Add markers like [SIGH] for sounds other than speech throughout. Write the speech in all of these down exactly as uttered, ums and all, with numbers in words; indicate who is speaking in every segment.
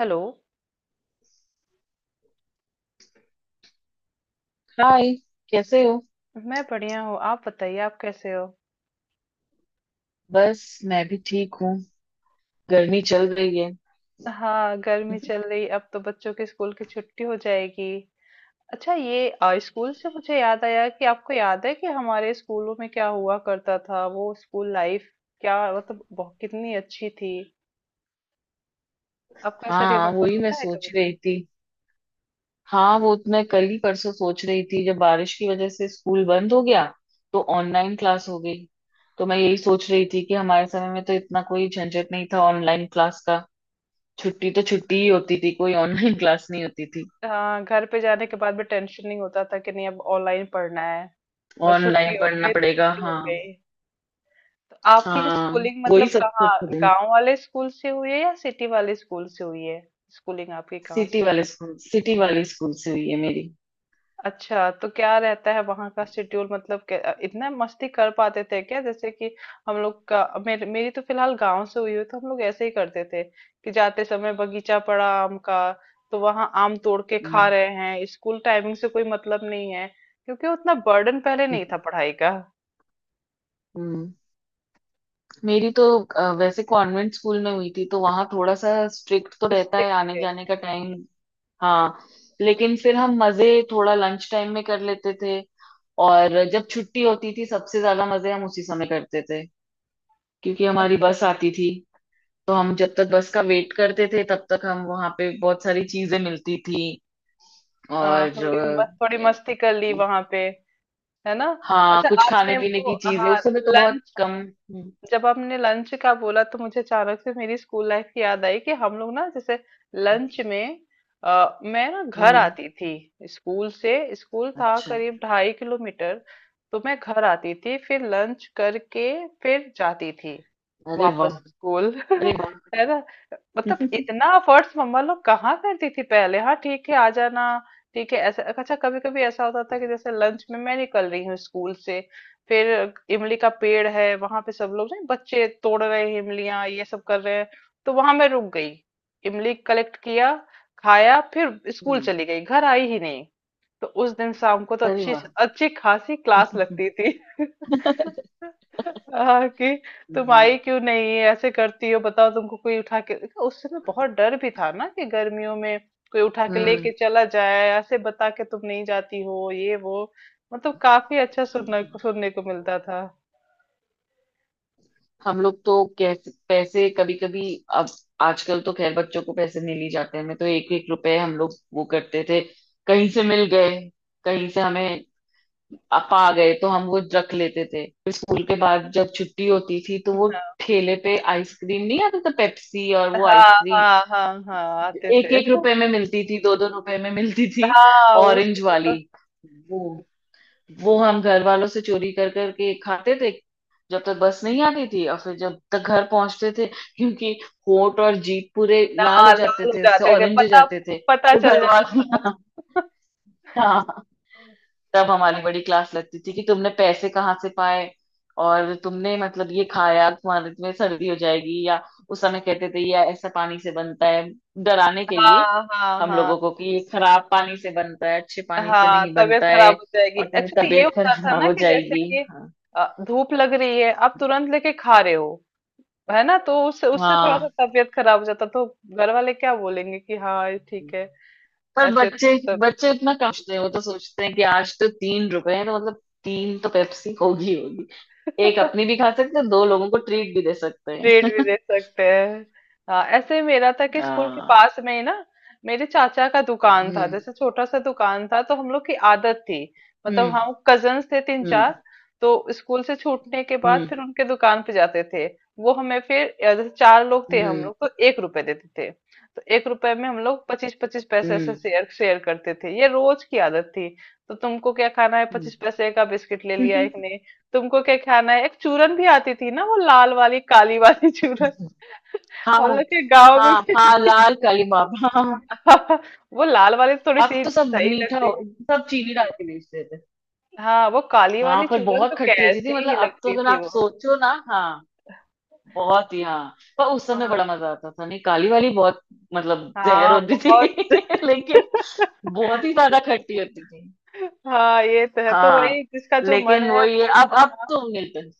Speaker 1: Hello.
Speaker 2: Hi. कैसे हो?
Speaker 1: मैं बढ़िया हूँ, आप बताइए आप कैसे हो?
Speaker 2: बस मैं भी ठीक हूँ। गर्मी चल रही है।
Speaker 1: हाँ, गर्मी चल रही, अब तो बच्चों की स्कूल की छुट्टी हो जाएगी। अच्छा, ये आ, स्कूल से मुझे याद आया कि आपको याद है कि हमारे स्कूलों में क्या हुआ करता था, वो स्कूल लाइफ क्या, मतलब बहुत कितनी अच्छी थी। आपको ऐसा
Speaker 2: हाँ,
Speaker 1: रिमेम्बर
Speaker 2: वही मैं
Speaker 1: होता है कभी
Speaker 2: सोच रही
Speaker 1: कभी?
Speaker 2: थी। हाँ, वो तो मैं कल ही परसों सोच रही थी जब बारिश की वजह से स्कूल बंद हो गया तो ऑनलाइन क्लास हो गई। तो मैं यही सोच रही थी कि हमारे समय में तो इतना कोई झंझट नहीं था ऑनलाइन क्लास का। छुट्टी तो छुट्टी ही होती थी, कोई ऑनलाइन क्लास नहीं होती थी।
Speaker 1: हाँ, घर पे जाने के बाद भी टेंशन नहीं होता था कि नहीं अब ऑनलाइन पढ़ना है, बस छुट्टी
Speaker 2: ऑनलाइन
Speaker 1: हो
Speaker 2: पढ़ना
Speaker 1: गई तो
Speaker 2: पड़ेगा,
Speaker 1: छुट्टी हो
Speaker 2: हाँ।
Speaker 1: गई। तो आपकी
Speaker 2: हाँ,
Speaker 1: स्कूलिंग मतलब
Speaker 2: वही सबसे
Speaker 1: कहाँ,
Speaker 2: अच्छा दिन।
Speaker 1: गांव वाले स्कूल से हुई है या सिटी वाले स्कूल से हुई है? स्कूलिंग आपकी कहाँ से
Speaker 2: सिटी
Speaker 1: हुई?
Speaker 2: वाले स्कूल सिटी वाले स्कूल से हुई है मेरी।
Speaker 1: अच्छा, तो क्या रहता है वहाँ का शेड्यूल, मतलब क्या- इतना मस्ती कर पाते थे क्या, जैसे कि हम लोग का मेर, मेरी तो फिलहाल गांव से हुई है, तो हम लोग ऐसे ही करते थे कि जाते समय बगीचा पड़ा आम का, तो वहाँ आम तोड़ के खा
Speaker 2: हम्म।
Speaker 1: रहे हैं, स्कूल टाइमिंग से कोई मतलब नहीं है, क्योंकि उतना बर्डन पहले नहीं था
Speaker 2: [LAUGHS]
Speaker 1: पढ़ाई का।
Speaker 2: हम्म। मेरी तो अ, वैसे कॉन्वेंट स्कूल में हुई थी, तो वहां थोड़ा सा स्ट्रिक्ट तो रहता है
Speaker 1: स्ट्रिक्ट
Speaker 2: आने
Speaker 1: थे।
Speaker 2: जाने का
Speaker 1: हम्म।
Speaker 2: टाइम। हाँ, लेकिन फिर हम मजे थोड़ा लंच टाइम में कर लेते थे। और जब छुट्टी होती थी सबसे ज्यादा मजे हम उसी समय करते थे, क्योंकि हमारी
Speaker 1: अच्छा,
Speaker 2: बस आती थी। तो हम जब तक बस का वेट करते थे तब तक हम वहां पे बहुत सारी चीजें मिलती थी।
Speaker 1: आ,
Speaker 2: और
Speaker 1: थोड़ी
Speaker 2: अ,
Speaker 1: मस्त थोड़ी मस्ती कर ली वहां पे, है ना?
Speaker 2: हाँ,
Speaker 1: अच्छा,
Speaker 2: कुछ खाने
Speaker 1: आपने
Speaker 2: पीने
Speaker 1: वो,
Speaker 2: की चीजें
Speaker 1: हाँ,
Speaker 2: उस समय तो बहुत कम। हम्म।
Speaker 1: जब आपने लंच का बोला तो मुझे अचानक से मेरी स्कूल लाइफ की याद आई कि हम लोग ना जैसे लंच में, अ, मैं ना
Speaker 2: हम्म।
Speaker 1: घर
Speaker 2: हम्म।
Speaker 1: आती थी स्कूल से, स्कूल था
Speaker 2: अच्छा।
Speaker 1: करीब ढाई किलोमीटर, तो मैं घर आती थी फिर लंच करके फिर जाती थी
Speaker 2: अरे वाह।
Speaker 1: वापस स्कूल
Speaker 2: अरे
Speaker 1: [LAUGHS] है ना? मतलब
Speaker 2: वाह। [LAUGHS]
Speaker 1: इतना अफर्ट्स मम्मा लोग कहाँ करती थी पहले। हाँ, ठीक है, आ जाना, ठीक है ऐसा। अच्छा, कभी कभी ऐसा होता था कि जैसे लंच में मैं निकल रही हूँ स्कूल से, फिर इमली का पेड़ है वहां पे, सब लोग नहीं बच्चे तोड़ रहे हैं इमलियां, ये सब कर रहे हैं, तो वहां मैं रुक गई, इमली कलेक्ट किया, खाया, फिर स्कूल
Speaker 2: हम्म।
Speaker 1: चली गई, घर आई ही नहीं। तो उस दिन शाम को तो
Speaker 2: अरे
Speaker 1: अच्छी
Speaker 2: वाह।
Speaker 1: अच्छी खासी क्लास लगती थी [LAUGHS] हाँ कि तुम
Speaker 2: हम्म।
Speaker 1: आई क्यों नहीं, ऐसे करती हो, बताओ, तुमको कोई उठा के, उस समय बहुत डर भी था ना कि गर्मियों में कोई उठा के लेके
Speaker 2: हम्म।
Speaker 1: चला जाए, ऐसे बता के तुम नहीं जाती हो, ये वो। मतलब काफी अच्छा सुनने को सुनने को मिलता था।
Speaker 2: हम लोग तो कैसे पैसे कभी कभी। अब, आजकल तो खैर बच्चों को पैसे नहीं लिए जाते हैं। मैं तो एक एक रुपए हम लोग वो करते थे। कहीं से मिल गए, कहीं से हमें अ- पा गए, तो हम वो रख लेते थे। फिर स्कूल के बाद जब छुट्टी होती थी तो वो
Speaker 1: हाँ
Speaker 2: ठेले पे आइसक्रीम नहीं आता था, पेप्सी और वो
Speaker 1: हाँ
Speaker 2: आइसक्रीम,
Speaker 1: हाँ हाँ, हाँ, आते
Speaker 2: एक
Speaker 1: थे।
Speaker 2: एक रुपए में मिलती थी, दो दो रुपए में मिलती थी।
Speaker 1: हाँ,
Speaker 2: ऑरेंज
Speaker 1: उसमें
Speaker 2: वाली
Speaker 1: तो,
Speaker 2: वो वो हम घर वालों से चोरी कर करके खाते थे, जब तक बस नहीं आती थी। और फिर जब तक घर पहुंचते थे, क्योंकि होंठ और जीभ पूरे लाल
Speaker 1: हाँ
Speaker 2: हो
Speaker 1: लाल
Speaker 2: जाते
Speaker 1: हो
Speaker 2: थे, इससे
Speaker 1: जाते थे,
Speaker 2: ऑरेंज हो
Speaker 1: पता
Speaker 2: जाते थे।
Speaker 1: पता
Speaker 2: तो
Speaker 1: चल
Speaker 2: घर
Speaker 1: जाता।
Speaker 2: वाले [LAUGHS] हाँ, तब हमारी बड़ी क्लास लगती थी कि तुमने पैसे कहाँ से पाए और तुमने मतलब ये खाया तुम्हारे तुम्हें सर्दी हो जाएगी, या उस समय कहते थे या ऐसा पानी से बनता है, डराने के लिए
Speaker 1: हाँ हाँ
Speaker 2: हम
Speaker 1: हाँ,
Speaker 2: लोगों को, कि ये खराब पानी से बनता है, अच्छे पानी से
Speaker 1: हाँ
Speaker 2: नहीं
Speaker 1: तबीयत
Speaker 2: बनता
Speaker 1: खराब
Speaker 2: है
Speaker 1: हो जाएगी,
Speaker 2: और तुम्हारी
Speaker 1: एक्चुअली ये
Speaker 2: तबीयत
Speaker 1: होता था
Speaker 2: खराब
Speaker 1: ना
Speaker 2: हो
Speaker 1: कि जैसे
Speaker 2: जाएगी।
Speaker 1: कि
Speaker 2: हाँ।
Speaker 1: अ, धूप लग रही है, आप तुरंत लेके खा रहे हो, है ना, तो उससे उससे थोड़ा सा
Speaker 2: हाँ,
Speaker 1: तबीयत खराब हो जाता, तो घर वाले क्या बोलेंगे कि हाँ ये ठीक है
Speaker 2: पर
Speaker 1: ऐसे,
Speaker 2: बच्चे
Speaker 1: तब
Speaker 2: बच्चे इतना कमते हैं, वो तो सोचते हैं कि आज तो तीन रुपए हैं, तो मतलब तीन तो पेप्सी होगी, होगी एक अपनी
Speaker 1: [LAUGHS]
Speaker 2: भी खा सकते हैं, दो लोगों को ट्रीट भी दे सकते
Speaker 1: ट्रेड भी
Speaker 2: हैं। [LAUGHS]
Speaker 1: दे सकते हैं। हाँ ऐसे ही मेरा था कि स्कूल के
Speaker 2: हाँ।
Speaker 1: पास में ही ना मेरे चाचा का दुकान था,
Speaker 2: हम्म।
Speaker 1: जैसे छोटा सा दुकान था, तो हम लोग की आदत थी, मतलब
Speaker 2: हम्म।
Speaker 1: हम कजन्स थे तीन
Speaker 2: हम्म।
Speaker 1: चार, तो स्कूल से छूटने के बाद फिर उनके दुकान पे जाते थे, वो हमें फिर अ, जैसे चार लोग थे हम
Speaker 2: हम्म।
Speaker 1: लोग, तो एक रुपए देते थे। तो एक रुपए में हम लोग पच्चीस पच्चीस पैसे ऐसे
Speaker 2: हम्म।
Speaker 1: शेयर शेयर करते थे, ये रोज की आदत थी। तो तुमको क्या खाना है,
Speaker 2: हम्म।
Speaker 1: पच्चीस पैसे का बिस्किट ले लिया एक ने,
Speaker 2: [LAUGHS]
Speaker 1: तुमको क्या खाना है, एक चूरन भी आती थी ना, वो लाल वाली काली वाली [LAUGHS] चूरन
Speaker 2: हाँ,
Speaker 1: हम लोग के गांव में
Speaker 2: हाँ,
Speaker 1: भी
Speaker 2: हाँ, लाल काली माप, हाँ।
Speaker 1: [LAUGHS] वो लाल वाली तो थोड़ी
Speaker 2: अब
Speaker 1: सी
Speaker 2: तो सब
Speaker 1: सही
Speaker 2: मीठा हो,
Speaker 1: लगती है।
Speaker 2: सब चीनी डाल के बेचते थे।
Speaker 1: हाँ, वो काली
Speaker 2: हाँ,
Speaker 1: वाली
Speaker 2: पर
Speaker 1: चूरन तो
Speaker 2: बहुत खट्टी होती थी,
Speaker 1: कैसी
Speaker 2: मतलब
Speaker 1: ही
Speaker 2: अब तो
Speaker 1: लगती
Speaker 2: अगर
Speaker 1: थी
Speaker 2: आप
Speaker 1: वो।
Speaker 2: सोचो ना, हाँ, बहुत ही, हाँ। पर उस समय
Speaker 1: हाँ,
Speaker 2: बड़ा मजा आता था, नहीं, काली वाली बहुत मतलब जहर
Speaker 1: हाँ,
Speaker 2: होती थी।
Speaker 1: बहुत
Speaker 2: [LAUGHS] लेकिन बहुत ही
Speaker 1: [LAUGHS]
Speaker 2: ज्यादा खट्टी होती थी।
Speaker 1: हाँ, ये तो है, तो
Speaker 2: हाँ,
Speaker 1: वही जिसका जो मन
Speaker 2: लेकिन
Speaker 1: है
Speaker 2: वही है,
Speaker 1: वो
Speaker 2: अब अब
Speaker 1: अपना-
Speaker 2: तो मिलते हैं।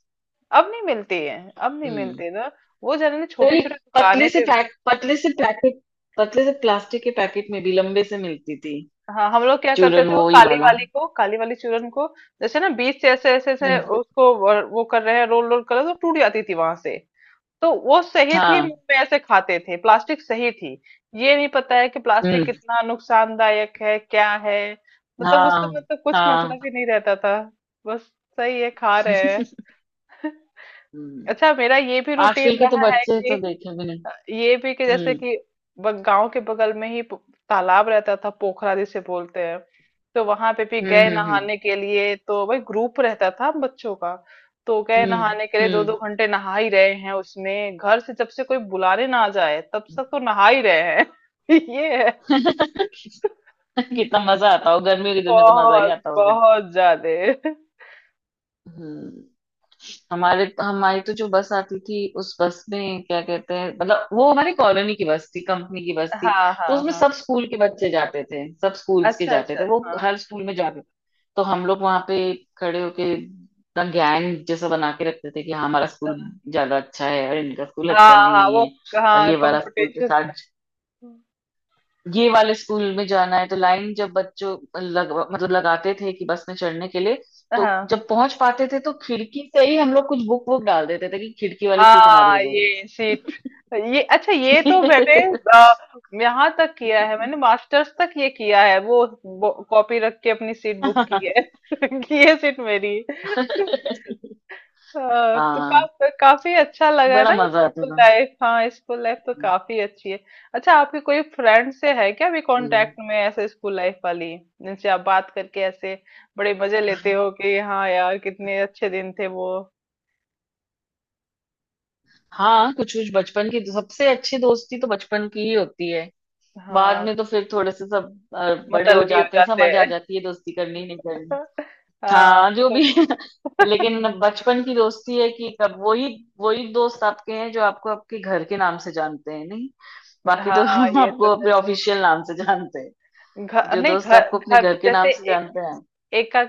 Speaker 1: अब नहीं मिलती है, अब नहीं
Speaker 2: हम्म।
Speaker 1: मिलती ना, वो जाने छोटे
Speaker 2: अरे,
Speaker 1: छोटे दुकानें
Speaker 2: पतले से
Speaker 1: पे।
Speaker 2: पैक, पतले से पैकेट, पतले से प्लास्टिक के पैकेट में भी लंबे से मिलती थी।
Speaker 1: हाँ हम लोग क्या करते
Speaker 2: चूरन
Speaker 1: थे वो
Speaker 2: वो ही
Speaker 1: काली
Speaker 2: वाला।
Speaker 1: वाली को, काली वाली चूरन को जैसे ना बीच से ऐसे ऐसे ऐसे,
Speaker 2: हम्म।
Speaker 1: उसको वो वो कर रहे हैं, रोल रोल कर रहे हैं, तो टूट जाती थी वहां से, तो वो सही थी,
Speaker 2: हाँ।
Speaker 1: मुंह में ऐसे खाते थे, प्लास्टिक सही थी, ये नहीं पता है कि प्लास्टिक
Speaker 2: हम्म।
Speaker 1: कितना नुकसानदायक है क्या है, मतलब उससे
Speaker 2: हाँ,
Speaker 1: मतलब कुछ मतलब ही
Speaker 2: हाँ।
Speaker 1: नहीं रहता था, बस सही है खा रहे हैं [LAUGHS]
Speaker 2: हम्म।
Speaker 1: अच्छा, मेरा ये भी
Speaker 2: आजकल
Speaker 1: रूटीन
Speaker 2: के तो
Speaker 1: रहा है
Speaker 2: बच्चे तो
Speaker 1: कि
Speaker 2: देखे भी नहीं।
Speaker 1: ये भी, कि जैसे
Speaker 2: हम्म।
Speaker 1: कि ब- गांव के बगल में ही पो- तालाब रहता था, पोखरा जिसे बोलते हैं, तो वहां पे भी
Speaker 2: हम्म।
Speaker 1: गए
Speaker 2: हम्म।
Speaker 1: नहाने के लिए, तो भाई ग्रुप रहता था बच्चों का, तो गए
Speaker 2: हम्म।
Speaker 1: नहाने के लिए दो दो
Speaker 2: हम्म।
Speaker 1: घंटे नहा ही रहे हैं उसमें, घर से जब से कोई बुलाने ना जाए तब से तो नहा ही रहे हैं [LAUGHS] ये है।
Speaker 2: हम्म। [LAUGHS] कितना मजा आता हो, गर्मियों के दिन में तो मजा ही
Speaker 1: बहुत
Speaker 2: आता होगा।
Speaker 1: बहुत ज्यादा।
Speaker 2: हम्म। हमारे हमारी तो जो बस आती थी उस बस में क्या कहते हैं, मतलब वो हमारी कॉलोनी की बस थी, कंपनी की बस थी।
Speaker 1: हाँ
Speaker 2: तो
Speaker 1: हाँ
Speaker 2: उसमें
Speaker 1: हाँ।
Speaker 2: सब स्कूल के बच्चे जाते थे, सब स्कूल्स के
Speaker 1: अच्छा
Speaker 2: जाते
Speaker 1: अच्छा।
Speaker 2: थे, वो
Speaker 1: हाँ
Speaker 2: हर स्कूल में जाते थे। तो हम लोग वहां पे खड़े होके इतना गैंग जैसा बना के रखते थे कि हाँ, हमारा स्कूल ज्यादा अच्छा है और इनका स्कूल
Speaker 1: हाँ
Speaker 2: अच्छा
Speaker 1: हाँ
Speaker 2: नहीं
Speaker 1: वो।
Speaker 2: है। और
Speaker 1: हाँ
Speaker 2: ये वाला स्कूल के
Speaker 1: कंपटीशन।
Speaker 2: साथ, ये वाले स्कूल में जाना है। तो लाइन जब बच्चों लग मतलब लगाते थे कि बस में चढ़ने के लिए, तो
Speaker 1: हाँ
Speaker 2: जब पहुंच पाते थे तो खिड़की से ही हम लोग कुछ बुक वुक डाल देते थे कि खिड़की वाली सीट हमारी हो
Speaker 1: हाँ
Speaker 2: जाएगी।
Speaker 1: ये सीट, ये अच्छा, ये तो मैंने अ, यहाँ तक किया है, मैंने मास्टर्स तक ये किया है वो ब- कॉपी रख के अपनी सीट बुक की है
Speaker 2: [LAUGHS]
Speaker 1: [LAUGHS] कि ये सीट मेरी [LAUGHS] है। हाँ, तो
Speaker 2: हाँ,
Speaker 1: का, काफी अच्छा लगा
Speaker 2: बड़ा
Speaker 1: ना,
Speaker 2: मजा आता
Speaker 1: स्कूल
Speaker 2: था।
Speaker 1: लाइफ, हाँ स्कूल लाइफ तो काफी अच्छी है। अच्छा, आपके कोई फ्रेंड से है क्या भी
Speaker 2: हम्म।
Speaker 1: कांटेक्ट में, ऐसे स्कूल लाइफ वाली, जिनसे आप बात करके ऐसे बड़े मजे लेते हो कि हाँ यार कितने अच्छे दिन थे वो।
Speaker 2: हाँ, कुछ कुछ बचपन की सबसे अच्छी दोस्ती तो बचपन की ही होती है। बाद
Speaker 1: हाँ
Speaker 2: में तो फिर थोड़े से सब अ, बड़े हो
Speaker 1: मतलबी हो
Speaker 2: जाते हैं,
Speaker 1: जाते,
Speaker 2: समझ आ जाती है, दोस्ती करनी नहीं।
Speaker 1: हाँ
Speaker 2: हाँ, जो भी
Speaker 1: थोड़े
Speaker 2: है। [LAUGHS]
Speaker 1: [LAUGHS]
Speaker 2: लेकिन बचपन की दोस्ती है कि कब, वही वही दोस्त आपके हैं जो आपको आपके घर के नाम से जानते हैं। नहीं, बाकी तो
Speaker 1: हाँ
Speaker 2: [LAUGHS]
Speaker 1: ये
Speaker 2: आपको
Speaker 1: तो
Speaker 2: अपने
Speaker 1: है,
Speaker 2: ऑफिशियल नाम से जानते हैं।
Speaker 1: घर
Speaker 2: जो
Speaker 1: नहीं,
Speaker 2: दोस्त
Speaker 1: घर
Speaker 2: आपको अपने
Speaker 1: घर
Speaker 2: घर के
Speaker 1: जैसे
Speaker 2: नाम से जानते हैं।
Speaker 1: एक का,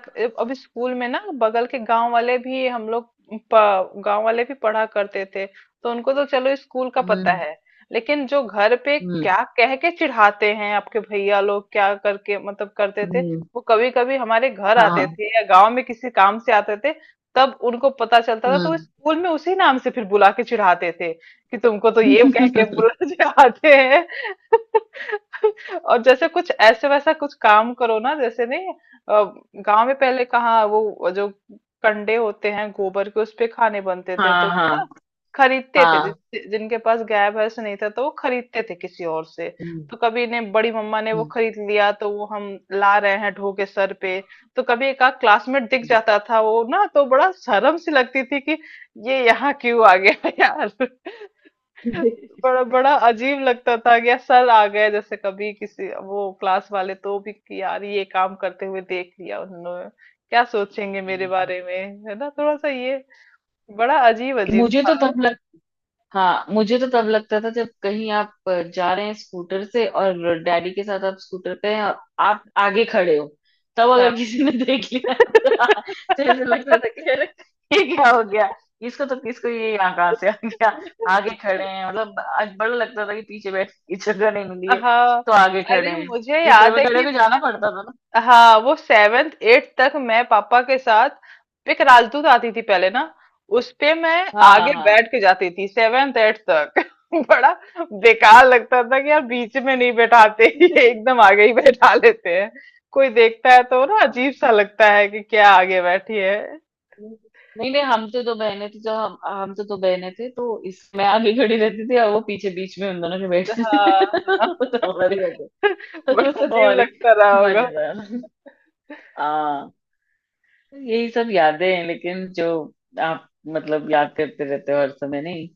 Speaker 1: अभी स्कूल में ना, बगल के गांव वाले भी हम लोग, प- गांव वाले भी पढ़ा करते थे, तो उनको तो चलो स्कूल का पता
Speaker 2: हम्म।
Speaker 1: है, लेकिन जो घर पे
Speaker 2: हम्म।
Speaker 1: क्या कह के चिढ़ाते हैं आपके भैया लोग क्या करके मतलब करते थे,
Speaker 2: हम्म।
Speaker 1: वो कभी कभी हमारे घर आते
Speaker 2: हाँ।
Speaker 1: थे या गांव में किसी काम से आते थे, तब उनको पता चलता था, तो वो
Speaker 2: हम्म।
Speaker 1: स्कूल में उसी नाम से फिर बुला के चिढ़ाते थे कि तुमको तो ये कह के
Speaker 2: [LAUGHS]
Speaker 1: बुला [LAUGHS] चिढ़ाते हैं। और जैसे कुछ ऐसे वैसा कुछ काम करो ना, जैसे नहीं, गांव में पहले कहाँ वो जो कंडे होते हैं गोबर के, उस पे खाने बनते थे तो
Speaker 2: हाँ, हाँ,
Speaker 1: ना, खरीदते थे
Speaker 2: हाँ।
Speaker 1: जिस- जिनके पास गाय भैंस नहीं था, तो वो खरीदते थे किसी और से,
Speaker 2: हम्म।
Speaker 1: तो कभी ने बड़ी मम्मा ने वो
Speaker 2: हम्म।
Speaker 1: खरीद लिया तो वो हम ला रहे हैं ढो के सर पे, तो कभी एक आध क्लासमेट दिख जाता था, वो ना तो बड़ा शर्म सी लगती थी कि ये यहाँ क्यों आ गया [LAUGHS] यार, बड़ा बड़ा अजीब लगता था कि यार सर आ गए, जैसे कभी किसी वो क्लास वाले तो भी, कि यार ये काम करते हुए देख लिया उन्होंने, क्या सोचेंगे मेरे
Speaker 2: हम्म।
Speaker 1: बारे
Speaker 2: [LAUGHS]
Speaker 1: में, है ना, थोड़ा सा ये बड़ा अजीब अजीब
Speaker 2: मुझे तो
Speaker 1: था।
Speaker 2: तब हाँ, मुझे तो तब लगता था जब कहीं आप जा रहे हैं स्कूटर से, और डैडी के साथ आप स्कूटर पे हैं और आप आगे खड़े हो, तब
Speaker 1: हाँ
Speaker 2: अगर किसी ने देख लिया [LAUGHS] तो तो ऐसा लगता था कि अरे, ये क्या हो गया, इसको तो किसको, ये यहाँ कहाँ से आ
Speaker 1: [LAUGHS]
Speaker 2: गया। आगे खड़े हैं, मतलब आज बड़ा लगता था कि पीछे बैठ की जगह नहीं मिली है
Speaker 1: हाँ,
Speaker 2: तो आगे खड़े
Speaker 1: अरे
Speaker 2: हैं।
Speaker 1: मुझे
Speaker 2: स्कूटर
Speaker 1: याद
Speaker 2: में
Speaker 1: है
Speaker 2: खड़े
Speaker 1: कि,
Speaker 2: होकर जाना पड़ता था ना।
Speaker 1: हाँ वो सेवेंथ एट्थ तक मैं पापा के साथ पिकरालतू आती थी पहले ना, उस पे मैं
Speaker 2: हाँ,
Speaker 1: आगे
Speaker 2: हाँ,
Speaker 1: बैठ के जाती थी सेवेंथ एट्थ तक [LAUGHS] बड़ा बेकार लगता था कि यार बीच में नहीं बैठाते [LAUGHS] ये एकदम आगे ही बैठा लेते हैं, कोई देखता है तो ना
Speaker 2: हाँ। [LAUGHS]
Speaker 1: अजीब सा लगता है कि क्या आगे बैठी है।
Speaker 2: नहीं, नहीं, हम तो दो बहनें थी। जो हम हम तो दो बहनें थे, तो इस, मैं आगे खड़ी रहती थी और वो पीछे बीच में उन दोनों के बैठती थी।
Speaker 1: हाँ
Speaker 2: [LAUGHS]
Speaker 1: हाँ
Speaker 2: वो तो
Speaker 1: [LAUGHS]
Speaker 2: हमारी वजह, वो
Speaker 1: बड़ा
Speaker 2: तो
Speaker 1: अजीब
Speaker 2: हमारी
Speaker 1: लगता रहा होगा।
Speaker 2: मजेदार। हाँ, तो यही सब यादें हैं। लेकिन जो आप मतलब याद करते रहते हो हर समय, नहीं,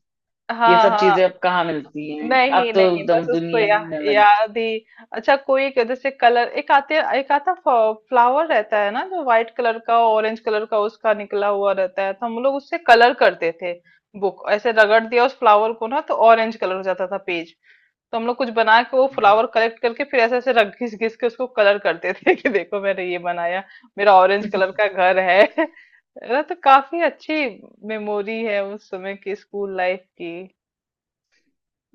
Speaker 2: ये
Speaker 1: हाँ
Speaker 2: सब चीजें
Speaker 1: हाँ
Speaker 2: अब कहाँ मिलती हैं। अब
Speaker 1: नहीं
Speaker 2: तो
Speaker 1: नहीं, बस
Speaker 2: एकदम
Speaker 1: उसको
Speaker 2: दुनिया
Speaker 1: या,
Speaker 2: ही में लग।
Speaker 1: याद ही। अच्छा, कोई एक जैसे कलर, एक आते एक आता फ्लावर रहता है ना, जो व्हाइट कलर का ऑरेंज कलर का उसका निकला हुआ रहता है, तो हम लोग उससे कलर करते थे, बुक ऐसे रगड़ दिया उस फ्लावर को ना तो ऑरेंज कलर हो जाता था पेज, तो हम लोग कुछ बना के वो फ्लावर कलेक्ट करके फिर ऐसे ऐसे रख घिस घिस के उसको कलर करते थे [LAUGHS] कि देखो मैंने ये बनाया, मेरा ऑरेंज
Speaker 2: [LAUGHS]
Speaker 1: कलर का घर है [LAUGHS] है ना, तो काफी अच्छी मेमोरी है उस समय की, स्कूल लाइफ की।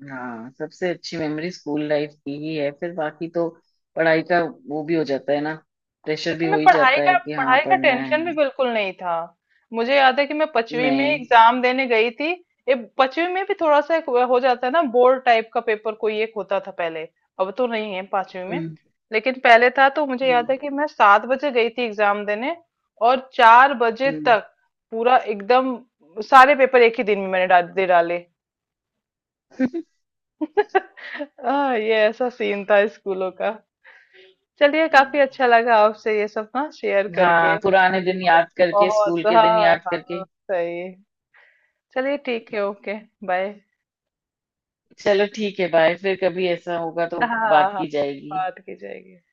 Speaker 2: हाँ, सबसे अच्छी मेमोरी स्कूल लाइफ की ही है। फिर बाकी तो पढ़ाई का, वो भी हो जाता है ना,
Speaker 1: उस
Speaker 2: प्रेशर भी
Speaker 1: समय
Speaker 2: हो ही
Speaker 1: पढ़ाई
Speaker 2: जाता है
Speaker 1: का
Speaker 2: कि हाँ,
Speaker 1: पढ़ाई का
Speaker 2: पढ़ना है।
Speaker 1: टेंशन भी बिल्कुल नहीं था, मुझे याद है कि मैं पांचवी में
Speaker 2: नहीं।
Speaker 1: एग्जाम देने गई थी, ये पांचवी में भी थोड़ा सा एक हो जाता है ना, बोर्ड टाइप का पेपर कोई एक होता था पहले, अब तो नहीं है पांचवी में,
Speaker 2: हम्म।
Speaker 1: लेकिन पहले था, तो मुझे याद
Speaker 2: हम्म।
Speaker 1: है कि मैं सात बजे गई थी एग्जाम देने और चार बजे
Speaker 2: हम्म।
Speaker 1: तक पूरा एकदम सारे पेपर एक ही दिन में मैंने डाल दे डाले
Speaker 2: [LAUGHS]
Speaker 1: [LAUGHS] हाँ ये ऐसा सीन था स्कूलों का। चलिए,
Speaker 2: हम्म।
Speaker 1: काफी अच्छा लगा आपसे ये सब ना शेयर करके,
Speaker 2: हाँ, पुराने दिन
Speaker 1: बहुत
Speaker 2: याद करके,
Speaker 1: बहुत,
Speaker 2: स्कूल के दिन
Speaker 1: हाँ
Speaker 2: याद करके।
Speaker 1: हाँ सही। चलिए, ठीक है, ओके, बाय।
Speaker 2: चलो, ठीक है, बाय। फिर कभी ऐसा होगा तो
Speaker 1: हाँ
Speaker 2: बात
Speaker 1: हाँ,
Speaker 2: की जाएगी।
Speaker 1: बात की जाएगी।